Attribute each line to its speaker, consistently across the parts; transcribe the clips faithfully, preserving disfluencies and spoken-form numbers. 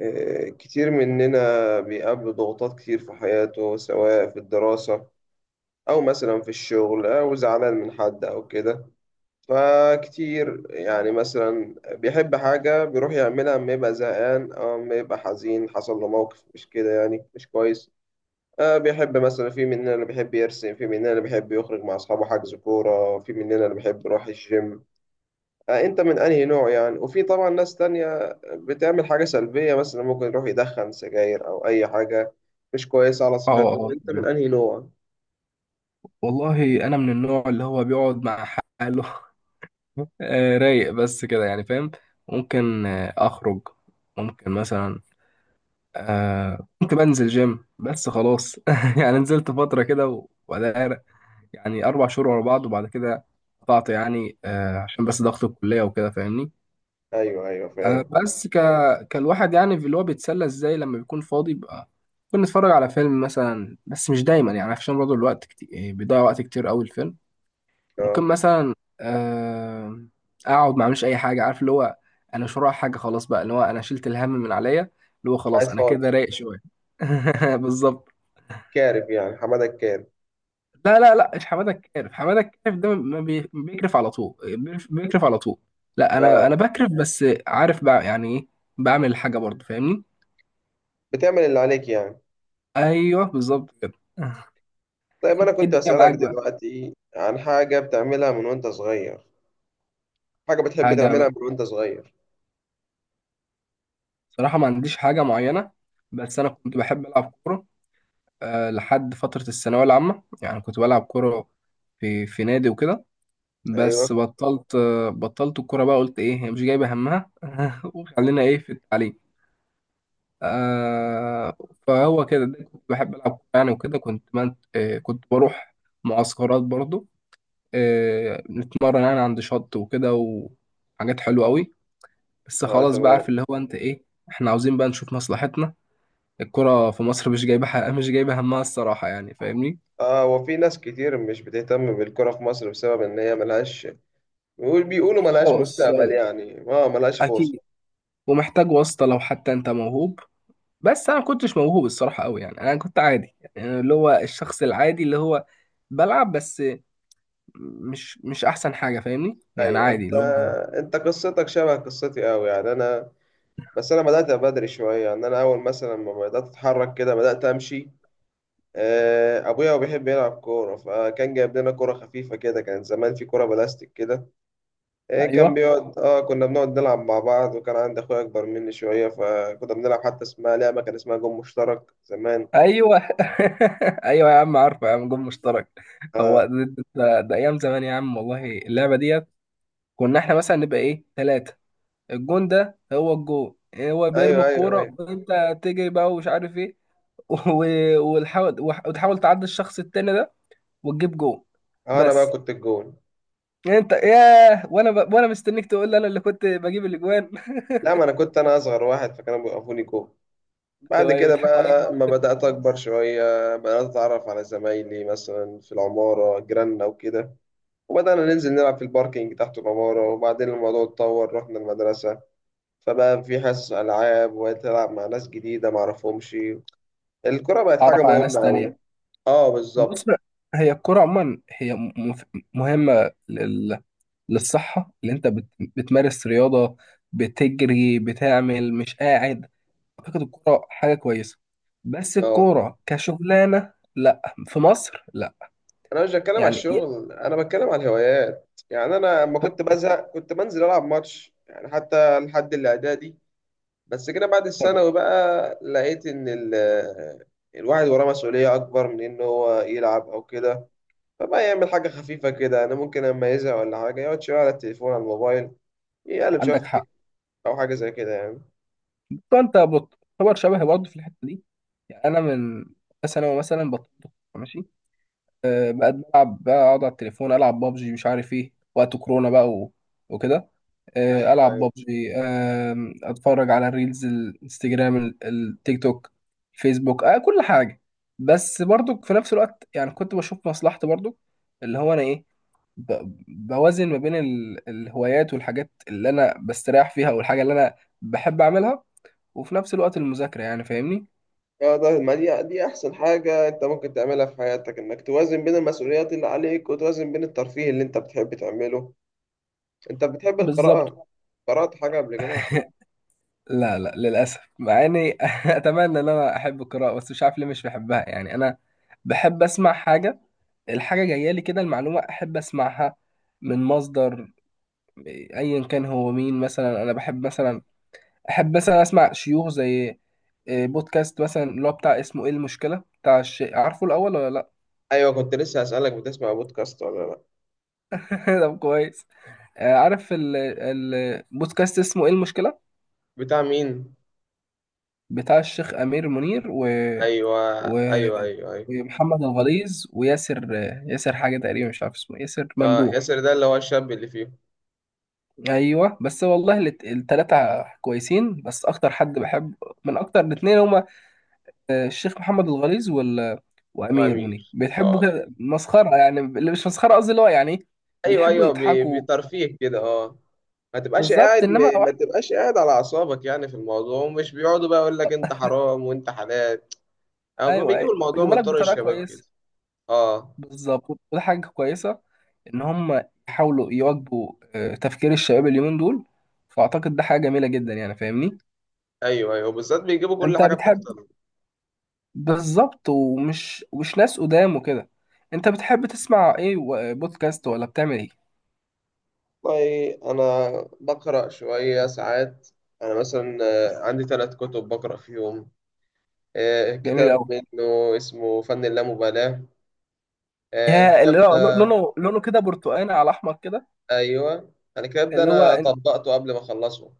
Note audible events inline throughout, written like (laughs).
Speaker 1: آه، كتير مننا بيقابله ضغوطات كتير في حياته، سواء في الدراسة أو مثلا في الشغل، أو زعلان من حد أو كده. فكتير يعني مثلا بيحب حاجة بيروح يعملها أما يبقى زهقان، أو أما يبقى حزين حصل له موقف مش كده، يعني مش كويس. آه، بيحب مثلا، في مننا اللي بيحب يرسم، في مننا اللي بيحب يخرج مع أصحابه حجز كورة، في مننا اللي بيحب يروح الجيم. آه، انت من انهي نوع يعني؟ وفي طبعا ناس تانية بتعمل حاجة سلبية، مثلا ممكن يروح يدخن سجاير او اي حاجة مش كويسة على
Speaker 2: اه
Speaker 1: صحته.
Speaker 2: اه
Speaker 1: انت من
Speaker 2: تمام.
Speaker 1: انهي نوع؟
Speaker 2: والله انا من النوع اللي هو بيقعد مع حاله. (laughs) آه، رايق بس كده يعني فاهم. ممكن آه، اخرج، ممكن مثلا آه، ممكن انزل جيم بس خلاص. (laughs) يعني نزلت فتره كده وبعدها يعني اربع شهور ورا بعض وبعد كده قطعت، يعني آه، عشان بس ضغط الكليه وكده، فاهمني.
Speaker 1: ايوه، ايوه،
Speaker 2: آه،
Speaker 1: فاهم.
Speaker 2: بس ك كالواحد يعني، في اللي هو بيتسلى ازاي لما بيكون فاضي بقى. ممكن نتفرج على فيلم مثلا، بس مش دايما يعني، عشان برضه الوقت كتير، بيضيع وقت كتير قوي الفيلم. ممكن
Speaker 1: اه،
Speaker 2: مثلا آه، اقعد ما اعملش اي حاجه، عارف اللي هو انا مش ورايا حاجه خلاص بقى، اللي هو انا شلت الهم من عليا، اللي هو
Speaker 1: قاعد
Speaker 2: خلاص انا كده
Speaker 1: فاضي.
Speaker 2: رايق شويه. (laughs) بالظبط.
Speaker 1: كارف يعني، حمادة الكارف.
Speaker 2: لا لا لا مش حماده كارف، حماده كارف ده ما بي- بيكرف على طول، بيكرف بيكرف على طول. لا
Speaker 1: اه،
Speaker 2: انا انا بكرف بس عارف بقى يعني ايه، بعمل حاجه برضه فاهمني.
Speaker 1: بتعمل اللي عليك يعني.
Speaker 2: ايوه بالظبط كده. (laughs)
Speaker 1: طيب،
Speaker 2: انت
Speaker 1: انا
Speaker 2: ايه
Speaker 1: كنت
Speaker 2: الدنيا
Speaker 1: اسألك
Speaker 2: معاك بقى؟
Speaker 1: دلوقتي عن حاجة بتعملها من وانت صغير. حاجة بتحب
Speaker 2: حاجه؟
Speaker 1: تعملها من وانت صغير.
Speaker 2: صراحه ما عنديش حاجه معينه، بس انا كنت بحب العب كوره آه، لحد فترة الثانوية العامة. يعني كنت بلعب كورة في في نادي وكده،
Speaker 1: ايوه.
Speaker 2: بس بطلت، آه، بطلت الكورة بقى. قلت ايه هي مش جايبة همها، (laughs) وخلينا ايه في التعليم. آه، فهو كده ده، كنت بحب ألعب كورة يعني وكده، كنت من آه، كنت بروح معسكرات برضو، آه، نتمرن يعني عند شط وكده، وحاجات حلوة قوي، بس
Speaker 1: اه،
Speaker 2: خلاص بقى عارف
Speaker 1: تمام.
Speaker 2: اللي هو انت ايه، احنا عاوزين بقى نشوف مصلحتنا. الكرة في مصر مش جايبة (laughs) حق... مش جايبة همها الصراحة يعني، فاهمني.
Speaker 1: اه، وفي ناس كتير مش بتهتم بالكرة في مصر بسبب ان هي ملهاش، بيقول بيقولوا ملهاش
Speaker 2: خلاص،
Speaker 1: مستقبل يعني، اه، ملهاش
Speaker 2: اكيد،
Speaker 1: فرصة.
Speaker 2: ومحتاج واسطه لو حتى انت موهوب، بس انا ما كنتش موهوب الصراحه قوي، يعني انا كنت عادي يعني، أنا اللي هو الشخص العادي اللي هو بلعب بس، مش مش احسن حاجه فاهمني، يعني
Speaker 1: ايوه،
Speaker 2: عادي
Speaker 1: انت
Speaker 2: اللي هو.
Speaker 1: انت قصتك شبه قصتي قوي، يعني انا، بس انا بدأت بدري شوية، يعني انا اول مثلا ما بدأت اتحرك كده بدأت امشي. آه، ابويا هو بيحب يلعب كورة، فكان جايب لنا كورة خفيفة كده، كان زمان في كورة بلاستيك كده. آه، كان
Speaker 2: ايوه
Speaker 1: بيقعد اه كنا بنقعد نلعب مع بعض، وكان عندي اخويا اكبر مني شوية، فكنا بنلعب حتى اسمها لعبة، كان اسمها جون مشترك زمان.
Speaker 2: ايوه. (laughs) ايوه يا عم، عارفه يا عم، جون مشترك، هو
Speaker 1: آه،
Speaker 2: ده, ده, ده ايام زمان يا عم، والله اللعبه ديت كنا احنا مثلا نبقى ايه، ثلاثه، الجون ده، هو الجون هو بيرمي
Speaker 1: ايوه، ايوه،
Speaker 2: الكوره،
Speaker 1: ايوه.
Speaker 2: وانت تجري بقى، ومش عارف ايه، (laughs) و- وتحاول وتحاول تعدي الشخص التاني ده وتجيب جون
Speaker 1: آه، انا بقى
Speaker 2: بس.
Speaker 1: كنت الجون.
Speaker 2: يعني انت ياه، وانا ب... وانا مستنيك تقول لي انا اللي كنت بجيب الاجوان. (laughs)
Speaker 1: لا، ما انا كنت انا اصغر واحد، فكانوا بيوقفوني جون. بعد
Speaker 2: ايوه ايوه
Speaker 1: كده
Speaker 2: بيضحكوا عليك
Speaker 1: بقى
Speaker 2: بقى،
Speaker 1: لما بدأت أكبر شوية، بدأت أتعرف على زمايلي مثلا في العمارة، جيراننا وكده. وبدأنا ننزل نلعب في الباركينج تحت العمارة. وبعدين الموضوع اتطور، رحنا المدرسة، فبقى في حصص ألعاب وتلعب مع ناس جديدة معرفهمش. الكرة بقت حاجة
Speaker 2: تعرف على ناس
Speaker 1: مهمة أوي.
Speaker 2: تانية.
Speaker 1: اه،
Speaker 2: بص،
Speaker 1: بالظبط.
Speaker 2: هي الكرة عموما هي م- مف- مهمة لل... للصحة، اللي انت بت... بتمارس رياضة، بتجري، بتعمل، مش قاعد. اعتقد الكرة حاجة كويسة، بس
Speaker 1: اه،
Speaker 2: الكرة كشغلانة لا، في مصر لا.
Speaker 1: أنا مش بتكلم على
Speaker 2: يعني ي-
Speaker 1: الشغل، أنا بتكلم على الهوايات يعني. أنا لما
Speaker 2: ف...
Speaker 1: كنت بزهق كنت بنزل ألعب ماتش يعني، حتى لحد الإعدادي. بس كده بعد الثانوي بقى، لقيت ان ال الواحد وراه مسؤولية أكبر من إن هو يلعب أو كده. فبقى يعمل حاجة خفيفة كده. أنا ممكن أما يزهق ولا حاجة يقعد شوية على التليفون، على الموبايل، يقلب شوية في
Speaker 2: عندك حق.
Speaker 1: التيك، أو حاجة زي كده يعني.
Speaker 2: فانت بتعتبر شبهي برضه في الحته دي، يعني انا من ثانوي مثلا بطلت، ماشي، أه بقيت بلعب بقى، اقعد على التليفون، العب بابجي، مش عارف ايه، وقت كورونا بقى و... وكده، أه
Speaker 1: ايوه،
Speaker 2: العب
Speaker 1: ايوه.
Speaker 2: بابجي، أه اتفرج على الريلز، الانستجرام، ال- التيك توك، الفيسبوك، أه كل حاجه. بس برضو في نفس الوقت يعني كنت بشوف مصلحتي برضو، اللي هو انا ايه، ب- بوازن ما بين ال- الهوايات والحاجات اللي انا بستريح فيها، والحاجه اللي انا بحب اعملها، وفي نفس الوقت المذاكرة، يعني فاهمني.
Speaker 1: فده، ما دي دي أحسن حاجة أنت ممكن تعملها في حياتك، إنك توازن بين المسؤوليات اللي عليك وتوازن بين الترفيه اللي أنت بتحب تعمله. أنت
Speaker 2: (laughs)
Speaker 1: بتحب
Speaker 2: بالظبط.
Speaker 1: القراءة؟ قرأت حاجة قبل كده؟
Speaker 2: لا لا للأسف، مع إني (laughs) أتمنى إن أنا أحب القراءة، بس مش عارف ليه مش بحبها، يعني أنا بحب أسمع حاجة، الحاجة جاية لي كده، المعلومة أحب أسمعها من مصدر، أيا كان هو مين. مثلا أنا بحب مثلا أحب مثلا أسمع شيوخ، زي آه، بودكاست مثلا اللي هو بتاع اسمه إيه المشكلة، بتاع الشيء، عارفه الأول ولا لأ؟
Speaker 1: أيوه، كنت لسه هسألك، بتسمع بودكاست ولا لأ؟
Speaker 2: (laughs) طب كويس. آه، عارف ال- ال- البودكاست اسمه إيه المشكلة؟
Speaker 1: بتاع مين؟
Speaker 2: بتاع الشيخ امير منير و...
Speaker 1: ايوه،
Speaker 2: و...
Speaker 1: ايوه، ايوه. ايوه،
Speaker 2: ومحمد الغليظ وياسر، ياسر حاجه تقريبا مش عارف اسمه إيه، ياسر
Speaker 1: اه،
Speaker 2: ممدوح.
Speaker 1: ياسر ده اللي هو الشاب اللي فيه.
Speaker 2: ايوه بس والله الت- التلاتة كويسين، بس اكتر حد بحب من اكتر، الاتنين هما آه، الشيخ محمد الغليظ وال...
Speaker 1: هو
Speaker 2: وامير
Speaker 1: امير،
Speaker 2: منير، بيحبوا
Speaker 1: اه.
Speaker 2: كده مسخره يعني، اللي مش مسخره قصدي اللي هو يعني إيه،
Speaker 1: ايوه،
Speaker 2: بيحبوا
Speaker 1: ايوه، ب-
Speaker 2: يضحكوا.
Speaker 1: بترفيه كده، اه. ما تبقاش
Speaker 2: بالظبط،
Speaker 1: قاعد
Speaker 2: انما
Speaker 1: م- ما
Speaker 2: واحد.
Speaker 1: تبقاش قاعد على اعصابك يعني في الموضوع، ومش بيقعدوا بقى يقول لك انت حرام وانت حلال، او
Speaker 2: ايوه
Speaker 1: بيجيبوا
Speaker 2: ايوه
Speaker 1: الموضوع
Speaker 2: بيجيبوا
Speaker 1: من
Speaker 2: لك
Speaker 1: طرق
Speaker 2: بطريقه
Speaker 1: الشباب كده.
Speaker 2: كويسه.
Speaker 1: اه،
Speaker 2: بالظبط، وده حاجة كويسة، إن هم يحاولوا يواكبوا آه، تفكير الشباب اليومين دول، فأعتقد ده حاجة جميلة جدا يعني فاهمني.
Speaker 1: ايوه، ايوه، بالذات بيجيبوا كل
Speaker 2: أنت
Speaker 1: حاجه
Speaker 2: بتحب؟
Speaker 1: بتحصل.
Speaker 2: بالظبط، ومش ومش ناس قدام وكده. أنت بتحب تسمع إيه، و- بودكاست ولا بتعمل إيه؟
Speaker 1: والله انا بقرا شويه ساعات. انا مثلا آه، عندي ثلاث كتب بقرا فيهم. آه،
Speaker 2: جميل
Speaker 1: كتاب
Speaker 2: أوي.
Speaker 1: منه اسمه فن اللامبالاه. آه،
Speaker 2: يا
Speaker 1: الكتاب،
Speaker 2: اللي هو لونه، لونه كده برتقاني على أحمر كده.
Speaker 1: ايوه انا كده، ابدا،
Speaker 2: اللي هو
Speaker 1: انا
Speaker 2: إن-
Speaker 1: طبقته قبل ما اخلصه.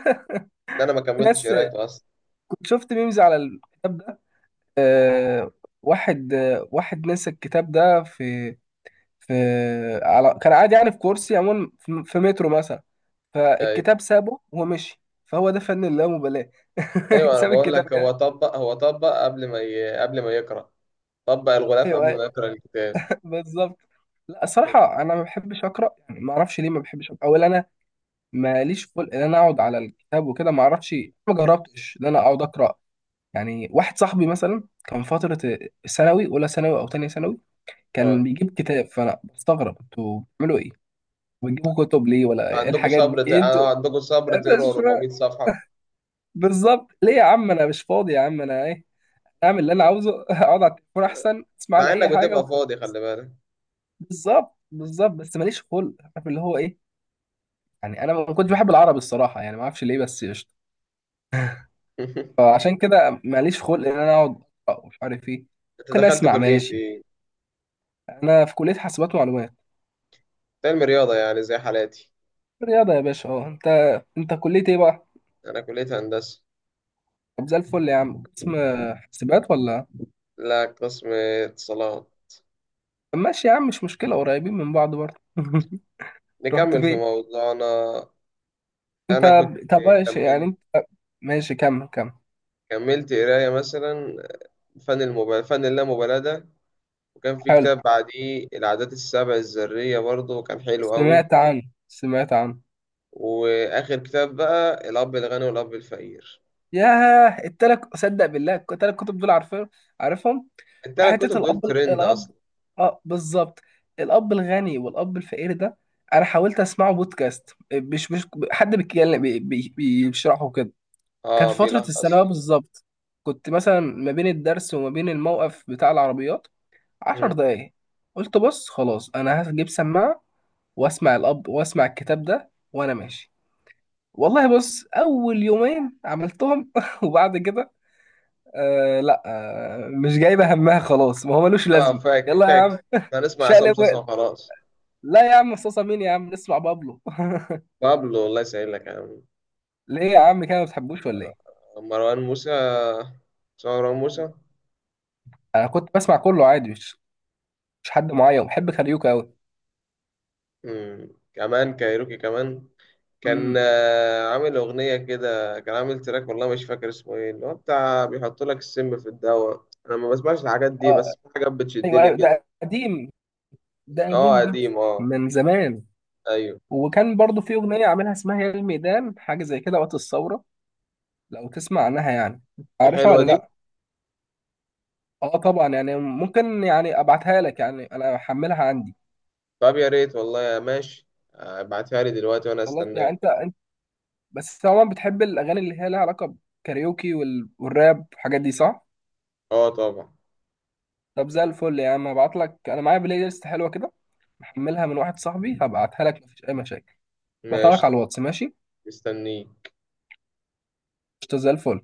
Speaker 2: (laughs)
Speaker 1: ده انا ما
Speaker 2: في
Speaker 1: كملتش
Speaker 2: ناس،
Speaker 1: قرايته اصلا.
Speaker 2: كنت شفت ميمز على الكتاب ده، آه، واحد، آه، واحد نسى الكتاب ده، في في على كان قاعد يعني في كرسي عموما، في في مترو مثلا،
Speaker 1: ايوه،
Speaker 2: فالكتاب سابه ومشي، فهو ده فن اللامبالاة. (laughs)
Speaker 1: ايوه، انا
Speaker 2: ساب
Speaker 1: بقول
Speaker 2: الكتاب
Speaker 1: لك، هو
Speaker 2: يعني.
Speaker 1: طبق هو طبق قبل ما ي... قبل ما يقرا. طبق الغلاف
Speaker 2: ايوه
Speaker 1: قبل
Speaker 2: أيوة،
Speaker 1: ما يقرا الكتاب.
Speaker 2: (laughs) بالظبط. لا الصراحة أنا ما بحبش أقرأ يعني، ما أعرفش ليه ما بحبش أقرأ، أو إن أنا ماليش خلق إن أنا أقعد على الكتاب وكده، ما أعرفش، ما جربتش إن أنا أقعد أقرأ. يعني واحد صاحبي مثلا، كان فترة ثانوي، أولى ثانوي أو تانية ثانوي، كان
Speaker 1: اه،
Speaker 2: بيجيب كتاب، فأنا بستغرب، أنتوا بتعملوا إيه؟ بتجيبوا كتب ليه ولا إيه، إيه
Speaker 1: عندكم
Speaker 2: الحاجات دي؟
Speaker 1: صبر ت...
Speaker 2: إيه أنتوا
Speaker 1: آه، عندكم
Speaker 2: (laughs)
Speaker 1: صبر
Speaker 2: أنا
Speaker 1: تقرا
Speaker 2: مش فاهم.
Speaker 1: اربعمية صفحه؟
Speaker 2: بالظبط، ليه يا عم، انا مش فاضي يا عم، انا ايه، اعمل اللي انا عاوزه، (laughs) اقعد على التليفون احسن، اسمع لي
Speaker 1: مع انك
Speaker 2: اي حاجه
Speaker 1: بتبقى
Speaker 2: وخلاص.
Speaker 1: فاضي، خلي بالك.
Speaker 2: بالظبط، بالظبط، بس ماليش خلق، عارف اللي هو ايه، يعني انا ما كنتش بحب العربي الصراحه يعني، ما اعرفش ليه، بس قشطه،
Speaker 1: (laughs)
Speaker 2: فعشان كده ماليش خلق ان انا اقعد أقرأ ومش عارف ايه.
Speaker 1: انت
Speaker 2: ممكن
Speaker 1: دخلت
Speaker 2: اسمع
Speaker 1: كليه
Speaker 2: ماشي.
Speaker 1: ايه؟
Speaker 2: انا في كليه حاسبات ومعلومات.
Speaker 1: علم رياضه يعني زي حالاتي.
Speaker 2: رياضه يا باشا، اه. انت انت كليه ايه بقى؟
Speaker 1: انا كليه هندسه.
Speaker 2: طب زي الفل يا عم. قسم حاسبات ولا؟
Speaker 1: لا، قسم اتصالات.
Speaker 2: طب ماشي يا عم، مش مشكله، قريبين من بعض برضه. (laughs) رحت
Speaker 1: نكمل في
Speaker 2: فين
Speaker 1: موضوعنا.
Speaker 2: انت؟
Speaker 1: انا كنت
Speaker 2: طب ماشي يعني
Speaker 1: كملت
Speaker 2: انت. ماشي، كمل كمل.
Speaker 1: كملت قرايه مثلا، فن المبالاة فن اللامبالاة ده. وكان في
Speaker 2: حلو،
Speaker 1: كتاب بعديه، العادات السبع الذرية، برضه كان حلو قوي.
Speaker 2: سمعت عنه، سمعت عنه.
Speaker 1: وآخر كتاب بقى الأب الغني والأب الفقير.
Speaker 2: ياه التلات، صدق بالله التلات كتب دول عارفين، عارفهم.
Speaker 1: التلات
Speaker 2: وحتة
Speaker 1: كتب
Speaker 2: الأب،
Speaker 1: دول ترند
Speaker 2: الأب،
Speaker 1: أصلا.
Speaker 2: اه بالظبط، الأب الغني والأب الفقير ده أنا حاولت أسمعه بودكاست، مش مش حد بيتكلم بي- بي- بيشرحه كده. كان
Speaker 1: اه،
Speaker 2: في فترة
Speaker 1: بيلخصوا.
Speaker 2: الثانوية بالظبط، كنت مثلا ما بين الدرس وما بين الموقف بتاع العربيات عشر
Speaker 1: مم.
Speaker 2: دقايق قلت بص خلاص أنا هجيب سماعة واسمع الاب، واسمع الكتاب ده وانا ماشي. والله بص اول يومين عملتهم (laughs) وبعد كده آه لا، آه مش جايبه همها، خلاص ما هو ملوش
Speaker 1: اه،
Speaker 2: لازمه.
Speaker 1: فاك
Speaker 2: يلا يا عم،
Speaker 1: فاكس. هنسمع عصام
Speaker 2: شقلب
Speaker 1: صاصا
Speaker 2: وقت.
Speaker 1: وخلاص.
Speaker 2: لا يا عم، صوصه مين يا عم، نسمع بابلو.
Speaker 1: بابلو، الله يسهل لك يا عم.
Speaker 2: (laughs) ليه يا عم كده، ما بتحبوش ولا ايه؟
Speaker 1: مروان موسى. مروان موسى.
Speaker 2: انا كنت بسمع كله عادي، مش مش حد معين، بحب كاريوكا قوي.
Speaker 1: مم. كمان كايروكي كمان. كان
Speaker 2: امم،
Speaker 1: آه، عامل أغنية كده، كان عامل تراك، والله مش فاكر اسمه ايه، اللي هو بتاع بيحط لك السم في الدواء. أنا ما بسمعش الحاجات دي،
Speaker 2: اه،
Speaker 1: بس في حاجات
Speaker 2: ايوه
Speaker 1: بتشدني
Speaker 2: ايوه
Speaker 1: كده.
Speaker 2: ده قديم، ده
Speaker 1: اه،
Speaker 2: قديم ده
Speaker 1: قديم، اه.
Speaker 2: من زمان.
Speaker 1: أيوه.
Speaker 2: وكان برضو في اغنيه عاملها اسمها يا الميدان، حاجه زي كده، وقت الثوره، لو تسمع عنها يعني،
Speaker 1: دي
Speaker 2: عارفها
Speaker 1: حلوة
Speaker 2: ولا
Speaker 1: دي.
Speaker 2: لا؟ اه طبعا يعني، ممكن يعني ابعتها لك، يعني انا احملها عندي.
Speaker 1: طب يا ريت والله، يا ماشي. آه، ابعتها لي دلوقتي وأنا
Speaker 2: خلاص، يعني انت
Speaker 1: استناك.
Speaker 2: انت بس طبعا بتحب الاغاني اللي هي لها علاقه بالكاريوكي وال- والراب والحاجات دي صح؟
Speaker 1: اه، طبعا.
Speaker 2: طب زي الفل يا عم، هبعت لك، انا معايا بلاي ليست حلوه كده، محملها من واحد صاحبي، هبعتها لك مفيش اي مشاكل. بعتها
Speaker 1: ماشي.
Speaker 2: لك على الواتس ماشي؟
Speaker 1: مستنيك.
Speaker 2: قشطة، زي الفل.